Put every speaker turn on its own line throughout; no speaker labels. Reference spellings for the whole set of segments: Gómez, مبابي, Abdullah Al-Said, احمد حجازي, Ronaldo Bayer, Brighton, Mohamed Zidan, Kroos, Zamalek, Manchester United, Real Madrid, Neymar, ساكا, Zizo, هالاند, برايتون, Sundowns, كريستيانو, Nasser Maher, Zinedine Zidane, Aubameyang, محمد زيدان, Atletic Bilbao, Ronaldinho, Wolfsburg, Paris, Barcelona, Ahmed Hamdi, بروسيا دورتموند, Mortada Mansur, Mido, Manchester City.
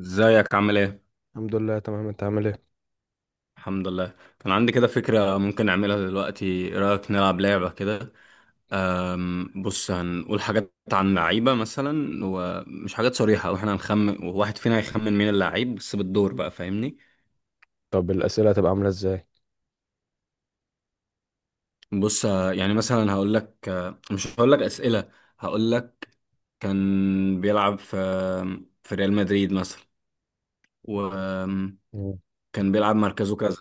ازيك عامل ايه؟
الحمد لله، تمام. انت عامل ايه؟
الحمد لله كان عندي كده فكرة ممكن نعملها دلوقتي، ايه رأيك نلعب لعبة كده؟ بص هنقول حاجات عن لعيبة مثلا ومش حاجات صريحة واحنا هنخمن، وواحد فينا هيخمن مين اللعيب بس بالدور بقى، فاهمني؟
طب الاسئله هتبقى عامله ازاي؟
بص اه، يعني مثلا هقول لك اه، مش هقول لك أسئلة. هقول لك كان بيلعب في ريال مدريد مثلا، وكان
مم.
بيلعب مركزه كذا،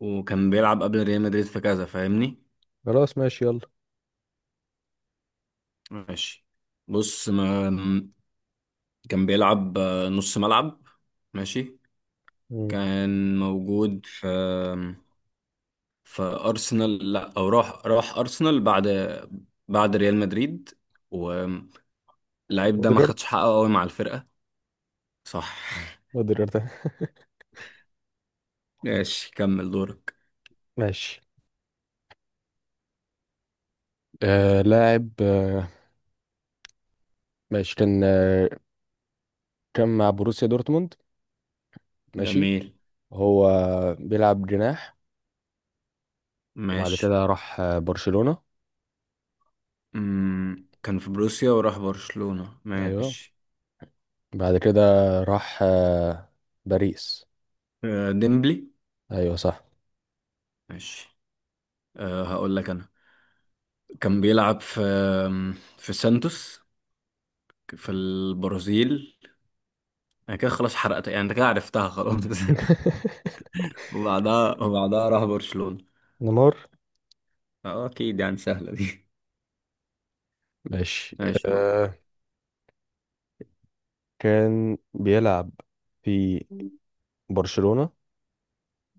وكان بيلعب قبل ريال مدريد في كذا، فاهمني؟
خلاص ماشي، يلا.
ماشي. بص ما كان بيلعب نص ملعب. ماشي.
مم.
كان موجود في أرسنال، لا أو راح أرسنال بعد، بعد ريال مدريد. واللعيب ده ما
قدرت،
خدش حقه قوي مع الفرقة، صح.
قدرت.
ماشي كمل دورك.
ماشي. لاعب ماشي. كان كان مع بروسيا دورتموند. ماشي.
جميل.
هو بيلعب جناح، وبعد
ماشي.
كده راح برشلونة.
أمم، كان في بروسيا وراح برشلونة،
ايوه،
ماشي.
بعد كده راح باريس.
آه، ديمبلي.
ايوه صح.
ماشي. أه هقول لك أنا. كان بيلعب في سانتوس في البرازيل. انا كده خلاص حرقتها يعني، انت كده عرفتها خلاص. وبعدها راح برشلونة.
نيمار.
اه اكيد يعني، سهلة دي.
ماشي.
ماشي دور.
آه كان بيلعب في برشلونة،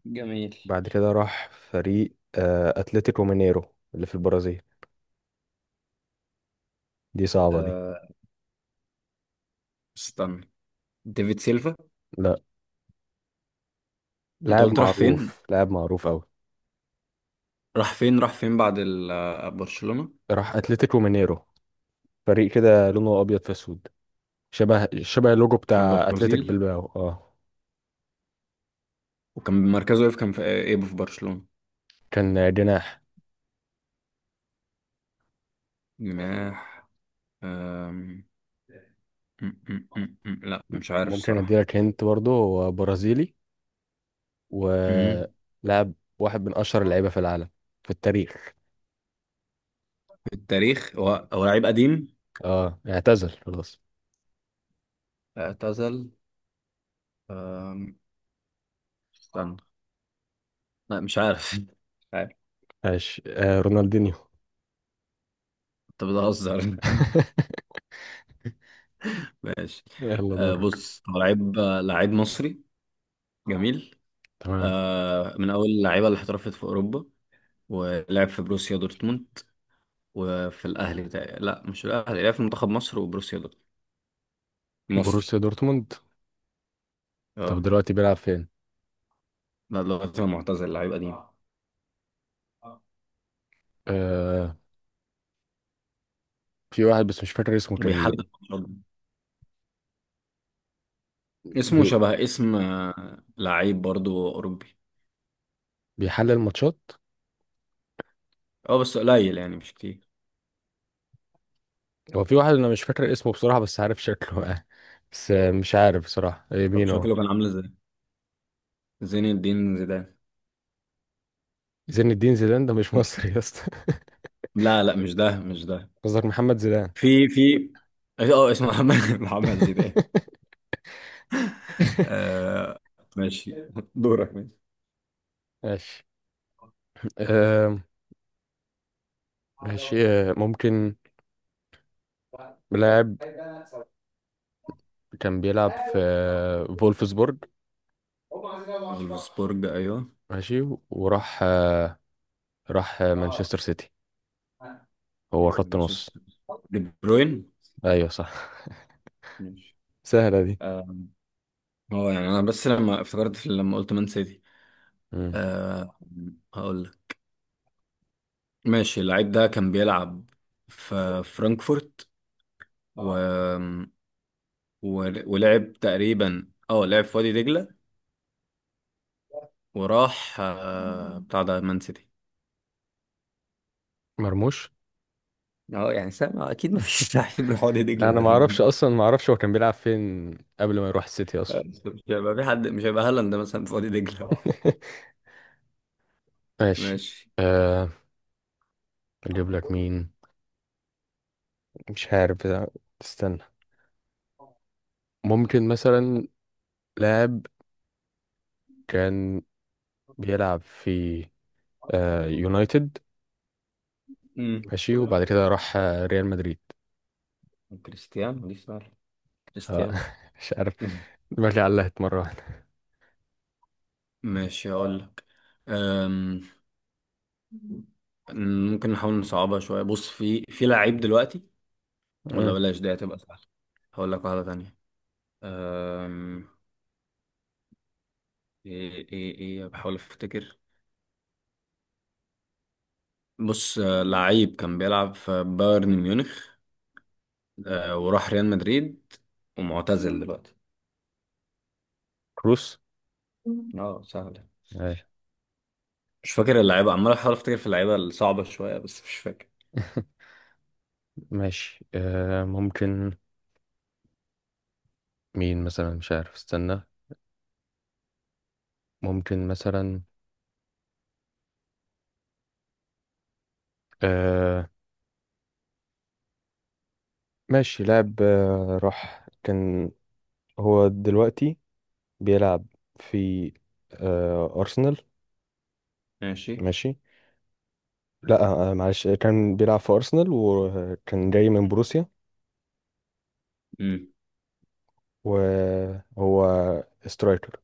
جميل.
بعد كده راح فريق اتلتيكو مينيرو اللي في البرازيل. دي صعبة دي.
آه. استنى. ديفيد سيلفا.
لا،
انت
لاعب
قلت راح فين؟
معروف، لاعب معروف أوي.
راح فين بعد برشلونة؟
راح اتلتيكو مينيرو، فريق كده لونه أبيض في أسود، شبه اللوجو
في
بتاع اتلتيك
البرازيل.
بلباو
وكان مركزه ايه كان في آه، ايه في برشلونة؟
كان جناح.
جناح. آم، لا مش عارف
ممكن
الصراحة.
اديلك هنت، برضه هو برازيلي
مم.
ولاعب، واحد من أشهر اللعيبة في العالم، في التاريخ.
في التاريخ، هو هو لعيب قديم.
اه، اعتزل خلاص.
اعتزل. آم، استنى. لا مش عارف.
ماشي، رونالدينيو.
انت بتهزر. ماشي.
يلا
آه
دورك.
بص هو لعيب آه، لعيب مصري. جميل.
تمام.
آه من اول اللعيبه اللي احترفت في اوروبا، ولعب في بروسيا دورتموند وفي الاهلي لا مش الاهلي، لعب في منتخب مصر وبروسيا دورتموند. مصري.
بروسيا دورتموند. طب
اه.
دلوقتي بيلعب فين؟
لا دلوقتي هو معتزل، لعيب قديم.
آه في واحد بس مش فاكر اسمه،
وبيحلل
كان
برضه. اسمه
بي
شبه اسم آه، لعيب برضه اوروبي.
بيحلل ماتشات.
اه بس قليل يعني مش كتير.
هو في واحد انا مش فاكر اسمه بصراحة، بس عارف شكله. بس مش عارف بصراحة،
طب
مين هو؟
شكله كان عامل ازاي؟ زين الدين زيدان.
زين الدين زيدان ده مش
مش-
مصري يا اسطى.
لا لا مش ده، مش ده.
قصدك محمد زيدان.
في في اه آه، اسمه محمد محمد زيدان. آه. ماشي. دورك. ماشي.
ماشي. آه ماشي، ممكن لاعب كان بيلعب في فولفسبورج.
فولفسبورج، ايوه.
ماشي، وراح آه راح آه، مانشستر سيتي. هو خط نص.
مانشستر. دي بروين.
ايوه صح.
ماشي
سهلة دي.
آه. هو يعني انا بس لما افتكرت لما قلت مان سيتي.
مم.
آه. هقول لك. ماشي اللعيب ده كان بيلعب في فرانكفورت و... ولعب تقريبا اه لعب في وادي دجلة، وراح آه بتاع ده مان سيتي.
مرموش.
اه يعني سامع اكيد، ما فيش لعيب راح وادي دجلة
انا
غير.
ما اعرفش اصلا، ما اعرفش هو كان بيلعب فين قبل ما يروح السيتي اصلا.
مش هيبقى في حد، مش هيبقى هالاند مثلا في وادي دجله.
ماشي.
ماشي.
أه اجيب لك مين؟ مش عارف بقى. استنى، ممكن مثلا لاعب كان بيلعب في يونايتد،
امم.
ماشي، وبعد كده راح ريال مدريد.
كريستيانو، دي سهله.
أه.
كريستيانو.
مش عارف، دماغي علقت مرة واحدة.
ماشي هقول لك. أم، ممكن نحاول نصعبها شويه. بص في في لعيب دلوقتي، ولا
مم.
بلاش دي هتبقى سهله. هقول لك واحده تانية. أم، ايه ايه ايه، بحاول افتكر. بص آه، لعيب كان بيلعب في بايرن ميونخ آه، وراح ريال مدريد، ومعتزل دلوقتي.
كروس.
اه سهل.
آه.
مش فاكر اللعيبه، عمال احاول افتكر في اللعيبه الصعبه شويه بس مش فاكر.
ماشي. ممكن مين مثلا، مش عارف، استنى. ممكن مثلا آه، ماشي. لاعب آه، راح كان هو دلوقتي بيلعب في أرسنال.
ماشي.
ماشي. لا، معلش، كان بيلعب في أرسنال وكان جاي من بروسيا،
مم.
وهو سترايكر.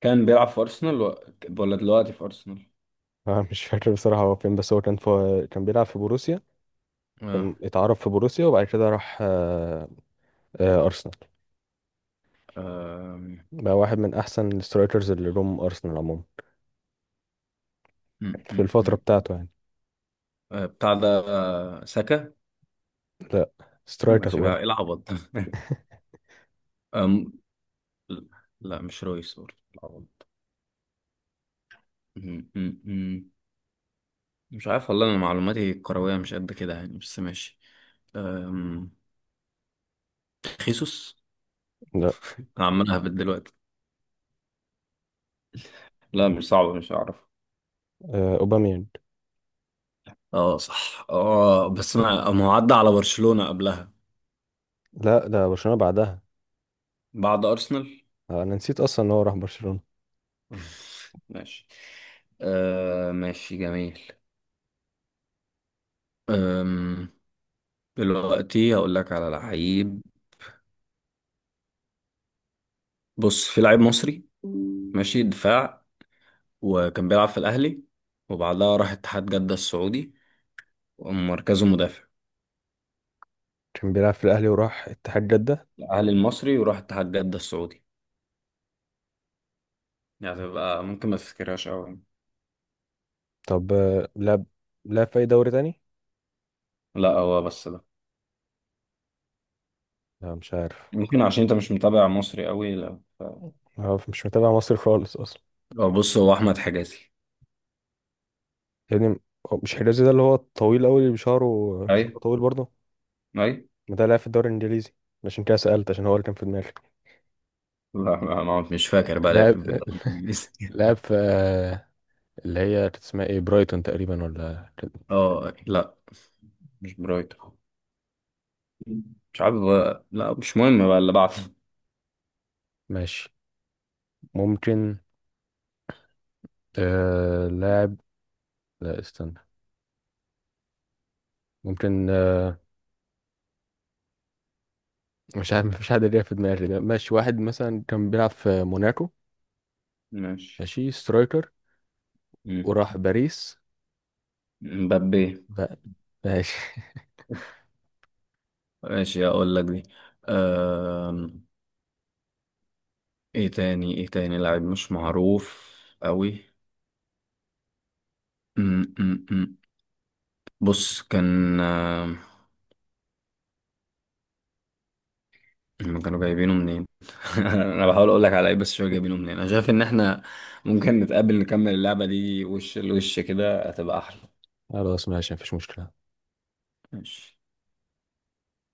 كان بيلعب في أرسنال ولا دلوقتي في أرسنال؟
مش فاكر بصراحة هو فين، بس هو كان بيلعب في بروسيا،
اه.
كان اتعرف في بروسيا وبعد كده راح أرسنال.
آم،
بقى واحد من أحسن السترايكرز اللي جم أرسنال عموما
م-
في
م-
الفترة
م- م.
بتاعته يعني.
آه، بتاع ده آه، ساكا. ما
سترايكر
كانش
ولا؟
بيلعب، ايه العبط ده. آم، لا مش رويس برضه العبط. م- م- م. مش عارف والله، انا معلوماتي الكرويه مش قد كده يعني، بس ماشي. آم، خيسوس.
لا،
انا عمال اهبط دلوقتي. لا مش صعب مش هعرف.
أوباميانج.
اه صح اه، بس انا ما هو عدى على برشلونة قبلها.
لا، ده برشلونة بعدها.
بعد ارسنال.
انا نسيت اصلا ان هو راح برشلونة.
ماشي. آه ماشي جميل. أم، دلوقتي هقول لك على لعيب. بص في لعيب مصري، ماشي، دفاع، وكان بيلعب في الاهلي وبعدها راح اتحاد جدة السعودي، ومركزه مدافع.
كان بيلعب في الاهلي وراح اتحاد جدة.
الاهلي المصري وراح اتحاد جدة السعودي، يعني تبقى ممكن ما تفتكرهاش قوي.
طب، لعب في اي دوري تاني؟
لا هو بس ده.
لا، مش عارف.
ممكن عشان انت مش متابع مصري قوي، لا
مش متابع مصر خالص اصلا
اه بص هو احمد حجازي.
يعني. هو مش حجازي ده اللي هو الطويل قوي، اللي بشعره
اي.
شعره طويل برضه؟
اي.
ما ده لعب في الدوري الانجليزي، عشان كده سألت، عشان هو اللي كان في دماغي.
لا ما مش فاكر بقى ليه في
لعب
في الدوري الانجليزي.
لعب في اللي هي كانت اسمها ايه، برايتون تقريبا، ولا كان
اه لا، مش برايتون. مش عارف بقى. لا مش مهم بقى اللي بعده.
ماشي. ممكن لاعب، لا استنى، ممكن، مش عارف، مفيش حد ليه في دماغي، ده ماشي. واحد مثلا كان بيلعب في موناكو،
ماشي.
ماشي، سترايكر،
مم.
وراح باريس
مبابي.
بقى. ماشي.
ماشي اقول لك دي. أم... ايه تاني، ايه تاني لاعب مش معروف قوي. أم، أم، أم. بص كان، هم كانوا جايبينه منين. انا بحاول اقول لك على ايه بس شويه جايبينه منين. انا شايف ان احنا ممكن نتقابل نكمل اللعبه دي وش لوش، كده هتبقى احلى.
خلاص ماشي، مفيش مشكلة.
ماشي.